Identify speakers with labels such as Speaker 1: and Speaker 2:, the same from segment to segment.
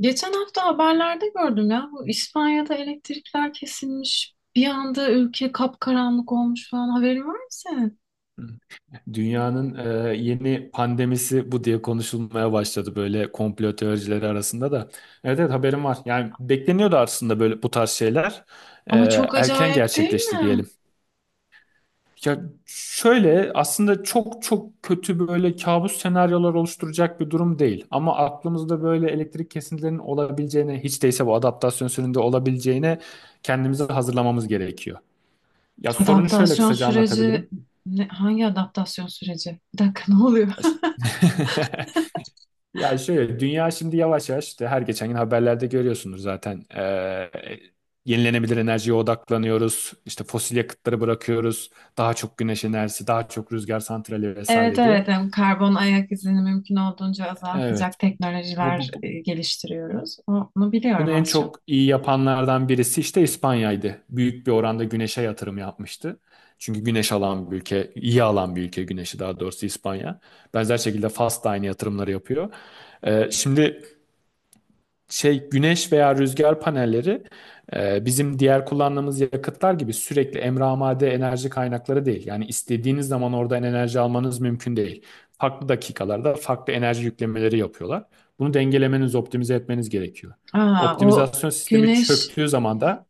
Speaker 1: Geçen hafta haberlerde gördüm ya bu İspanya'da elektrikler kesilmiş. Bir anda ülke kapkaranlık olmuş falan haberin var mı senin?
Speaker 2: Dünyanın yeni pandemisi bu diye konuşulmaya başladı böyle komplo teorileri arasında da. Evet evet, haberim var. Yani bekleniyordu aslında böyle bu tarz şeyler. E,
Speaker 1: Ama çok
Speaker 2: Erken
Speaker 1: acayip değil
Speaker 2: gerçekleşti
Speaker 1: mi?
Speaker 2: diyelim. Ya şöyle, aslında çok çok kötü böyle kabus senaryolar oluşturacak bir durum değil. Ama aklımızda böyle elektrik kesintilerinin olabileceğine, hiç değilse bu adaptasyon sürecinde olabileceğine kendimizi hazırlamamız gerekiyor. Ya sorunu şöyle
Speaker 1: Adaptasyon
Speaker 2: kısaca
Speaker 1: süreci
Speaker 2: anlatabilirim.
Speaker 1: ne, hangi adaptasyon süreci? Bir dakika ne oluyor?
Speaker 2: Ya şöyle, dünya şimdi yavaş yavaş işte, her geçen gün haberlerde görüyorsunuz zaten. Yenilenebilir enerjiye odaklanıyoruz, işte fosil yakıtları bırakıyoruz, daha çok güneş enerjisi, daha çok rüzgar santrali
Speaker 1: Evet
Speaker 2: vesaire diye.
Speaker 1: evet yani karbon ayak izini mümkün olduğunca
Speaker 2: Evet,
Speaker 1: azaltacak
Speaker 2: bu,
Speaker 1: teknolojiler
Speaker 2: bu, bu-
Speaker 1: geliştiriyoruz. Onu
Speaker 2: bunu
Speaker 1: biliyorum
Speaker 2: en
Speaker 1: az
Speaker 2: çok
Speaker 1: çok.
Speaker 2: iyi yapanlardan birisi işte İspanya'ydı, büyük bir oranda güneşe yatırım yapmıştı. Çünkü güneş alan bir ülke, iyi alan bir ülke güneşi, daha doğrusu İspanya. Benzer şekilde Fas da aynı yatırımları yapıyor. Şimdi güneş veya rüzgar panelleri bizim diğer kullandığımız yakıtlar gibi sürekli emramade enerji kaynakları değil. Yani istediğiniz zaman oradan enerji almanız mümkün değil. Farklı dakikalarda farklı enerji yüklemeleri yapıyorlar. Bunu dengelemeniz, optimize etmeniz gerekiyor.
Speaker 1: Aa, o
Speaker 2: Optimizasyon sistemi
Speaker 1: güneş
Speaker 2: çöktüğü zaman da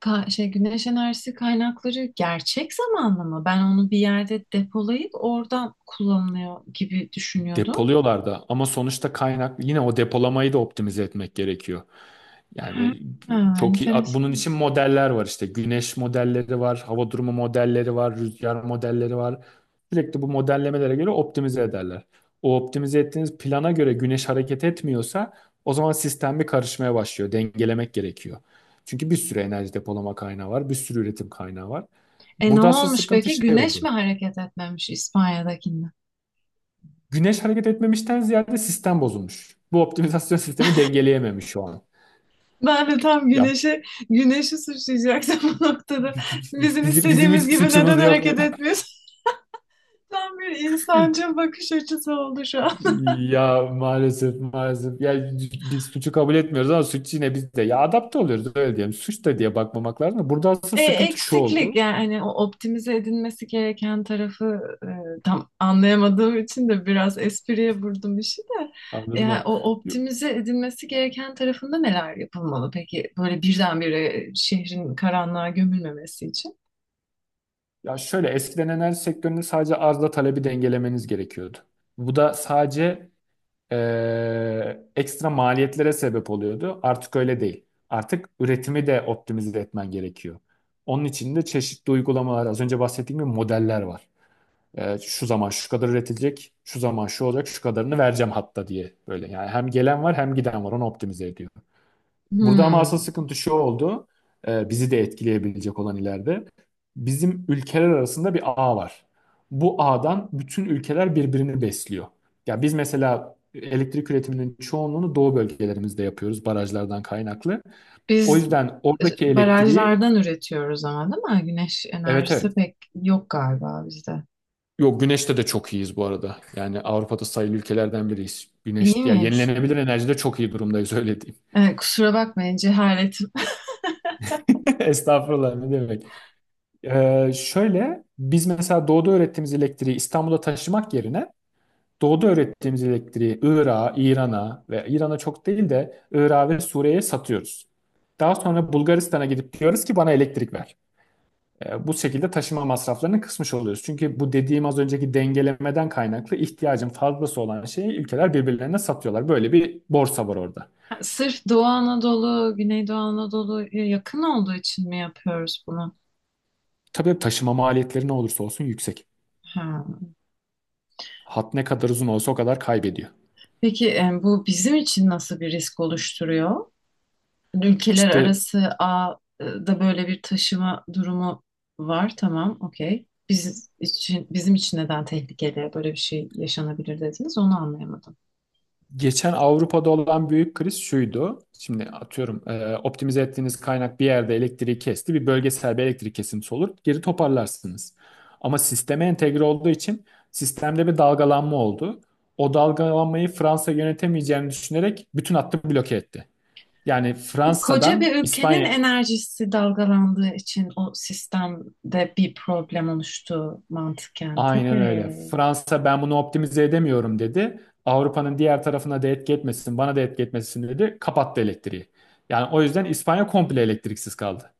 Speaker 1: ka- şey güneş enerjisi kaynakları gerçek zamanlı mı? Ben onu bir yerde depolayıp oradan kullanılıyor gibi düşünüyordum.
Speaker 2: depoluyorlar da, ama sonuçta kaynak, yine o depolamayı da optimize etmek gerekiyor. Yani
Speaker 1: Ha,
Speaker 2: çok iyi, bunun
Speaker 1: enteresan.
Speaker 2: için modeller var, işte güneş modelleri var, hava durumu modelleri var, rüzgar modelleri var. Sürekli bu modellemelere göre optimize ederler. O optimize ettiğiniz plana göre güneş hareket etmiyorsa, o zaman sistem bir karışmaya başlıyor. Dengelemek gerekiyor. Çünkü bir sürü enerji depolama kaynağı var, bir sürü üretim kaynağı var.
Speaker 1: E ne
Speaker 2: Burada asıl
Speaker 1: olmuş
Speaker 2: sıkıntı
Speaker 1: peki?
Speaker 2: şey
Speaker 1: Güneş mi
Speaker 2: oldu.
Speaker 1: hareket etmemiş İspanya'dakinde?
Speaker 2: Güneş hareket etmemişten ziyade sistem bozulmuş. Bu optimizasyon sistemi dengeleyememiş şu an.
Speaker 1: Ben de tam
Speaker 2: Ya
Speaker 1: güneşi, güneşi suçlayacaktım bu noktada. Bizim
Speaker 2: bizim
Speaker 1: istediğimiz
Speaker 2: hiç
Speaker 1: gibi neden
Speaker 2: suçumuz yok diye.
Speaker 1: hareket etmiyorsun? Tam bir insancıl bakış açısı oldu şu an.
Speaker 2: Ya maalesef maalesef. Ya biz suçu kabul etmiyoruz ama suç yine bizde. Ya adapte oluyoruz, öyle diyelim. Suç da diye bakmamak lazım. Burada aslında sıkıntı şu
Speaker 1: Eksiklik
Speaker 2: oldu.
Speaker 1: yani hani o optimize edilmesi gereken tarafı tam anlayamadığım için de biraz espriye vurdum işi de.
Speaker 2: Anladım
Speaker 1: Yani
Speaker 2: mı?
Speaker 1: o optimize edilmesi gereken tarafında neler yapılmalı peki böyle birdenbire şehrin karanlığa gömülmemesi için?
Speaker 2: Ya şöyle, eskiden enerji sektöründe sadece arzla talebi dengelemeniz gerekiyordu. Bu da sadece ekstra maliyetlere sebep oluyordu. Artık öyle değil. Artık üretimi de optimize etmen gerekiyor. Onun için de çeşitli uygulamalar, az önce bahsettiğim gibi modeller var. E, şu zaman şu kadar üretilecek, şu zaman şu olacak, şu kadarını vereceğim hatta diye böyle. Yani hem gelen var hem giden var, onu optimize ediyor. Burada ama asıl
Speaker 1: Hmm.
Speaker 2: sıkıntı şu oldu, bizi de etkileyebilecek olan ileride. Bizim ülkeler arasında bir ağ var. Bu ağdan bütün ülkeler birbirini besliyor. Ya biz mesela elektrik üretiminin çoğunluğunu doğu bölgelerimizde yapıyoruz, barajlardan kaynaklı. O
Speaker 1: Biz
Speaker 2: yüzden oradaki elektriği
Speaker 1: barajlardan üretiyoruz ama değil mi? Güneş
Speaker 2: evet evet.
Speaker 1: enerjisi pek yok galiba bizde.
Speaker 2: Yok, güneşte de çok iyiyiz bu arada. Yani Avrupa'da sayılı ülkelerden biriyiz.
Speaker 1: İyi
Speaker 2: Güneş, ya
Speaker 1: miyiz?
Speaker 2: yenilenebilir enerjide çok iyi durumdayız, öyle diyeyim.
Speaker 1: Kusura bakmayın cehaletim.
Speaker 2: Estağfurullah, ne demek. Şöyle, biz mesela doğuda öğrettiğimiz elektriği İstanbul'a taşımak yerine, doğuda öğrettiğimiz elektriği Irak'a, İran'a ve İran'a çok değil de Irak'a ve Suriye'ye satıyoruz. Daha sonra Bulgaristan'a gidip diyoruz ki bana elektrik ver. Bu şekilde taşıma masraflarını kısmış oluyoruz. Çünkü bu dediğim az önceki dengelemeden kaynaklı, ihtiyacın fazlası olan şeyi ülkeler birbirlerine satıyorlar. Böyle bir borsa var orada.
Speaker 1: Sırf Doğu Anadolu, Güneydoğu Anadolu'ya yakın olduğu için mi yapıyoruz bunu?
Speaker 2: Tabii taşıma maliyetleri ne olursa olsun yüksek.
Speaker 1: Ha.
Speaker 2: Hat ne kadar uzun olsa o kadar kaybediyor.
Speaker 1: Peki bu bizim için nasıl bir risk oluşturuyor? Ülkeler
Speaker 2: İşte
Speaker 1: arası ağda böyle bir taşıma durumu var. Tamam, okey. Bizim için neden tehlikeli böyle bir şey yaşanabilir dediniz? Onu anlayamadım.
Speaker 2: geçen Avrupa'da olan büyük kriz şuydu. Şimdi atıyorum, optimize ettiğiniz kaynak bir yerde elektriği kesti. Bir bölgesel bir elektrik kesintisi olur. Geri toparlarsınız. Ama sisteme entegre olduğu için sistemde bir dalgalanma oldu. O dalgalanmayı Fransa yönetemeyeceğini düşünerek bütün hattı bloke etti. Yani
Speaker 1: Koca bir
Speaker 2: Fransa'dan
Speaker 1: ülkenin
Speaker 2: İspanya.
Speaker 1: enerjisi dalgalandığı için o sistemde bir problem oluştu mantıken
Speaker 2: Aynen öyle.
Speaker 1: tabii.
Speaker 2: Fransa ben bunu optimize edemiyorum dedi. Avrupa'nın diğer tarafına da etki etmesin, bana da etki etmesin dedi. Kapattı elektriği. Yani o yüzden İspanya komple elektriksiz kaldı.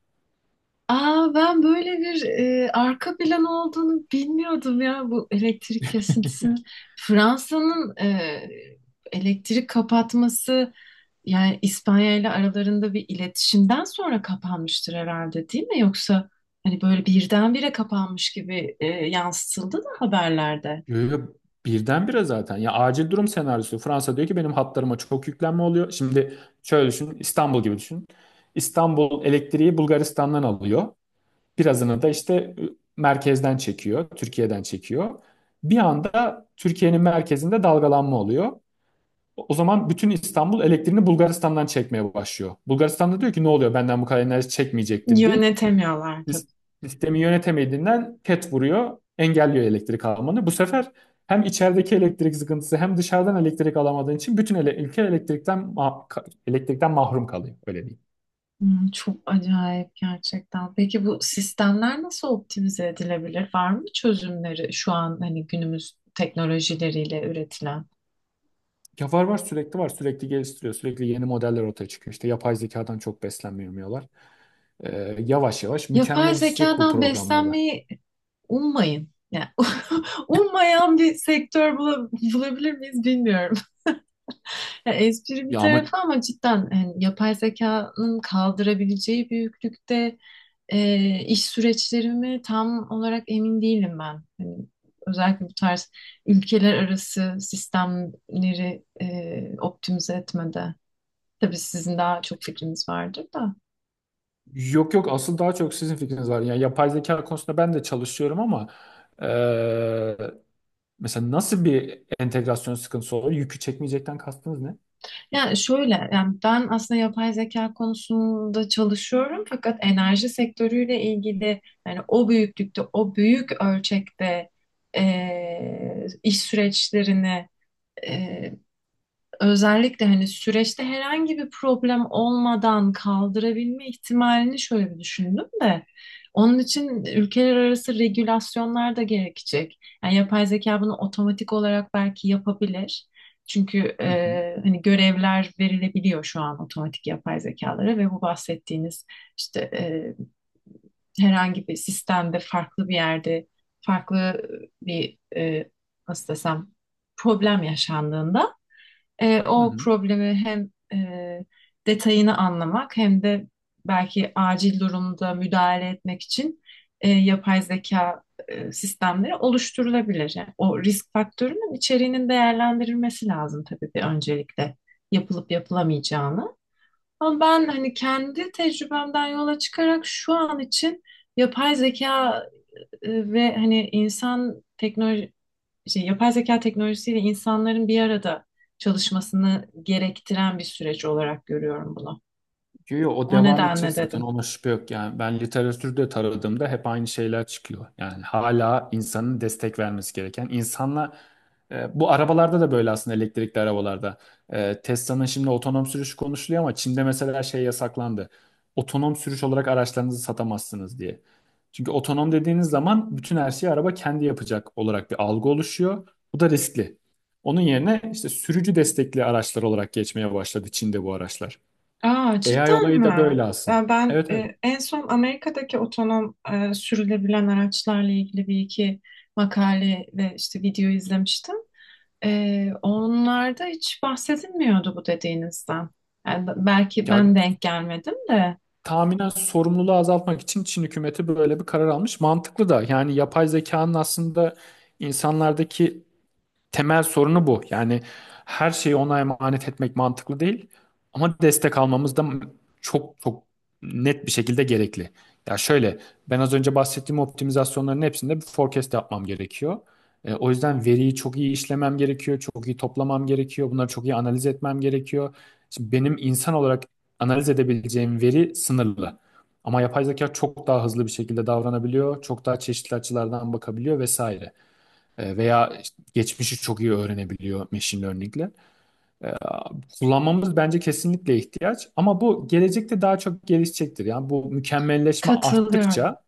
Speaker 1: Aa, ben böyle bir arka plan olduğunu bilmiyordum ya bu elektrik kesintisinin. Fransa'nın elektrik kapatması yani İspanya ile aralarında bir iletişimden sonra kapanmıştır herhalde değil mi? Yoksa hani böyle birdenbire kapanmış gibi yansıtıldı da haberlerde.
Speaker 2: Yo, yo, birdenbire zaten. Ya acil durum senaryosu. Fransa diyor ki benim hatlarıma çok yüklenme oluyor. Şimdi şöyle düşün, İstanbul gibi düşün. İstanbul elektriği Bulgaristan'dan alıyor. Birazını da işte merkezden çekiyor, Türkiye'den çekiyor. Bir anda Türkiye'nin merkezinde dalgalanma oluyor. O zaman bütün İstanbul elektriğini Bulgaristan'dan çekmeye başlıyor. Bulgaristan'da diyor ki ne oluyor, benden bu kadar enerji çekmeyecektin deyip
Speaker 1: Yönetemiyorlar tabii.
Speaker 2: sis- sistemi yönetemediğinden ket vuruyor, engelliyor elektrik almanı. Bu sefer hem içerideki elektrik sıkıntısı, hem dışarıdan elektrik alamadığın için bütün ülke elektrikten elektrikten mahrum kalıyor, öyle diyeyim.
Speaker 1: Hmm, çok acayip gerçekten. Peki bu sistemler nasıl optimize edilebilir? Var mı çözümleri şu an hani günümüz teknolojileriyle üretilen?
Speaker 2: Ya var var, sürekli var, sürekli geliştiriyor, sürekli yeni modeller ortaya çıkıyor. İşte yapay zekadan çok beslenmiyorlar. Yavaş yavaş
Speaker 1: Yapay
Speaker 2: mükemmelleşecek bu
Speaker 1: zekadan
Speaker 2: programlarda.
Speaker 1: beslenmeyi ummayın. Yani ummayan bir sektör bulabilir miyiz bilmiyorum. Ya espri bir
Speaker 2: Ya ama
Speaker 1: tarafa ama cidden yani yapay zekanın kaldırabileceği büyüklükte iş süreçlerimi tam olarak emin değilim ben. Hani özellikle bu tarz ülkeler arası sistemleri optimize etmede. Tabii sizin daha çok fikriniz vardır da.
Speaker 2: yok yok, asıl daha çok sizin fikriniz var. Yani yapay zeka konusunda ben de çalışıyorum ama eee, mesela nasıl bir entegrasyon sıkıntısı olur? Yükü çekmeyecekten kastınız ne?
Speaker 1: Yani şöyle, yani ben aslında yapay zeka konusunda çalışıyorum fakat enerji sektörüyle ilgili yani o büyüklükte, o büyük ölçekte iş süreçlerini e, özellikle hani süreçte herhangi bir problem olmadan kaldırabilme ihtimalini şöyle bir düşündüm de onun için ülkeler arası regülasyonlar da gerekecek. Yani yapay zeka bunu otomatik olarak belki yapabilir. Çünkü
Speaker 2: Hı hı.
Speaker 1: hani görevler verilebiliyor şu an otomatik yapay zekalara ve bu bahsettiğiniz işte herhangi bir sistemde farklı bir yerde farklı bir e, nasıl desem problem yaşandığında
Speaker 2: Hı
Speaker 1: o
Speaker 2: hı.
Speaker 1: problemi hem detayını anlamak hem de belki acil durumda müdahale etmek için yapay zeka sistemleri oluşturulabilir. Yani o risk faktörünün içeriğinin değerlendirilmesi lazım tabii bir öncelikle yapılıp yapılamayacağını. Ama ben hani kendi tecrübemden yola çıkarak şu an için yapay zeka ve hani insan teknoloji yapay zeka teknolojisiyle insanların bir arada çalışmasını gerektiren bir süreç olarak görüyorum bunu.
Speaker 2: Yo, yo, o
Speaker 1: O
Speaker 2: devam edecek
Speaker 1: nedenle
Speaker 2: zaten,
Speaker 1: dedim.
Speaker 2: ona şüphe yok. Yani ben literatürde taradığımda hep aynı şeyler çıkıyor. Yani hala insanın destek vermesi gereken. İnsanla bu arabalarda da böyle aslında, elektrikli arabalarda. E, Tesla'nın şimdi otonom sürüş konuşuluyor ama Çin'de mesela şey yasaklandı. Otonom sürüş olarak araçlarınızı satamazsınız diye. Çünkü otonom dediğiniz zaman bütün her şeyi araba kendi yapacak olarak bir algı oluşuyor. Bu da riskli. Onun yerine işte sürücü destekli araçlar olarak geçmeye başladı Çin'de bu araçlar.
Speaker 1: Aa,
Speaker 2: AI
Speaker 1: cidden
Speaker 2: olayı
Speaker 1: mi?
Speaker 2: da böyle aslında. Evet evet.
Speaker 1: En son Amerika'daki otonom sürülebilen araçlarla ilgili bir iki makale ve işte video izlemiştim. Onlarda hiç bahsedilmiyordu bu dediğinizden. Yani belki
Speaker 2: Ya
Speaker 1: ben denk gelmedim de
Speaker 2: tahminen sorumluluğu azaltmak için Çin hükümeti böyle bir karar almış. Mantıklı da, yani yapay zekanın aslında insanlardaki temel sorunu bu. Yani her şeyi ona emanet etmek mantıklı değil ama destek almamız da çok çok net bir şekilde gerekli. Ya şöyle, ben az önce bahsettiğim optimizasyonların hepsinde bir forecast yapmam gerekiyor. E, o yüzden veriyi çok iyi işlemem gerekiyor, çok iyi toplamam gerekiyor, bunları çok iyi analiz etmem gerekiyor. Şimdi benim insan olarak analiz edebileceğim veri sınırlı. Ama yapay zeka çok daha hızlı bir şekilde davranabiliyor, çok daha çeşitli açılardan bakabiliyor vesaire. E, veya işte geçmişi çok iyi öğrenebiliyor machine learning'le. E, kullanmamız bence kesinlikle ihtiyaç ama bu gelecekte daha çok gelişecektir. Yani bu mükemmelleşme
Speaker 1: katılıyorum
Speaker 2: arttıkça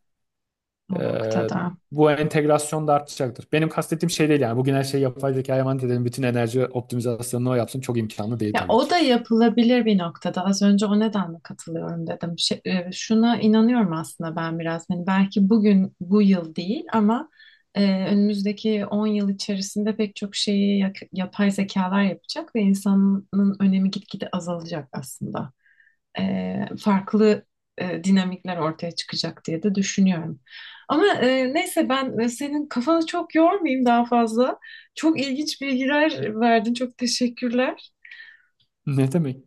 Speaker 2: e,
Speaker 1: o noktada.
Speaker 2: bu entegrasyon da artacaktır. Benim kastettiğim şey değil, yani bugün her şeyi yapay zekaya emanet edelim, bütün enerji optimizasyonunu o yapsın çok imkanlı değil
Speaker 1: Ya
Speaker 2: tabii
Speaker 1: o
Speaker 2: ki.
Speaker 1: da yapılabilir bir noktada. Az önce o nedenle katılıyorum dedim. Şuna inanıyorum aslında ben biraz. Hani belki bugün bu yıl değil ama önümüzdeki 10 yıl içerisinde pek çok şeyi yapay zekalar yapacak ve insanın önemi gitgide azalacak aslında. e, Farklı dinamikler ortaya çıkacak diye de düşünüyorum. Ama neyse ben senin kafanı çok yormayayım daha fazla. Çok ilginç bilgiler verdin. Çok teşekkürler.
Speaker 2: Ne demek?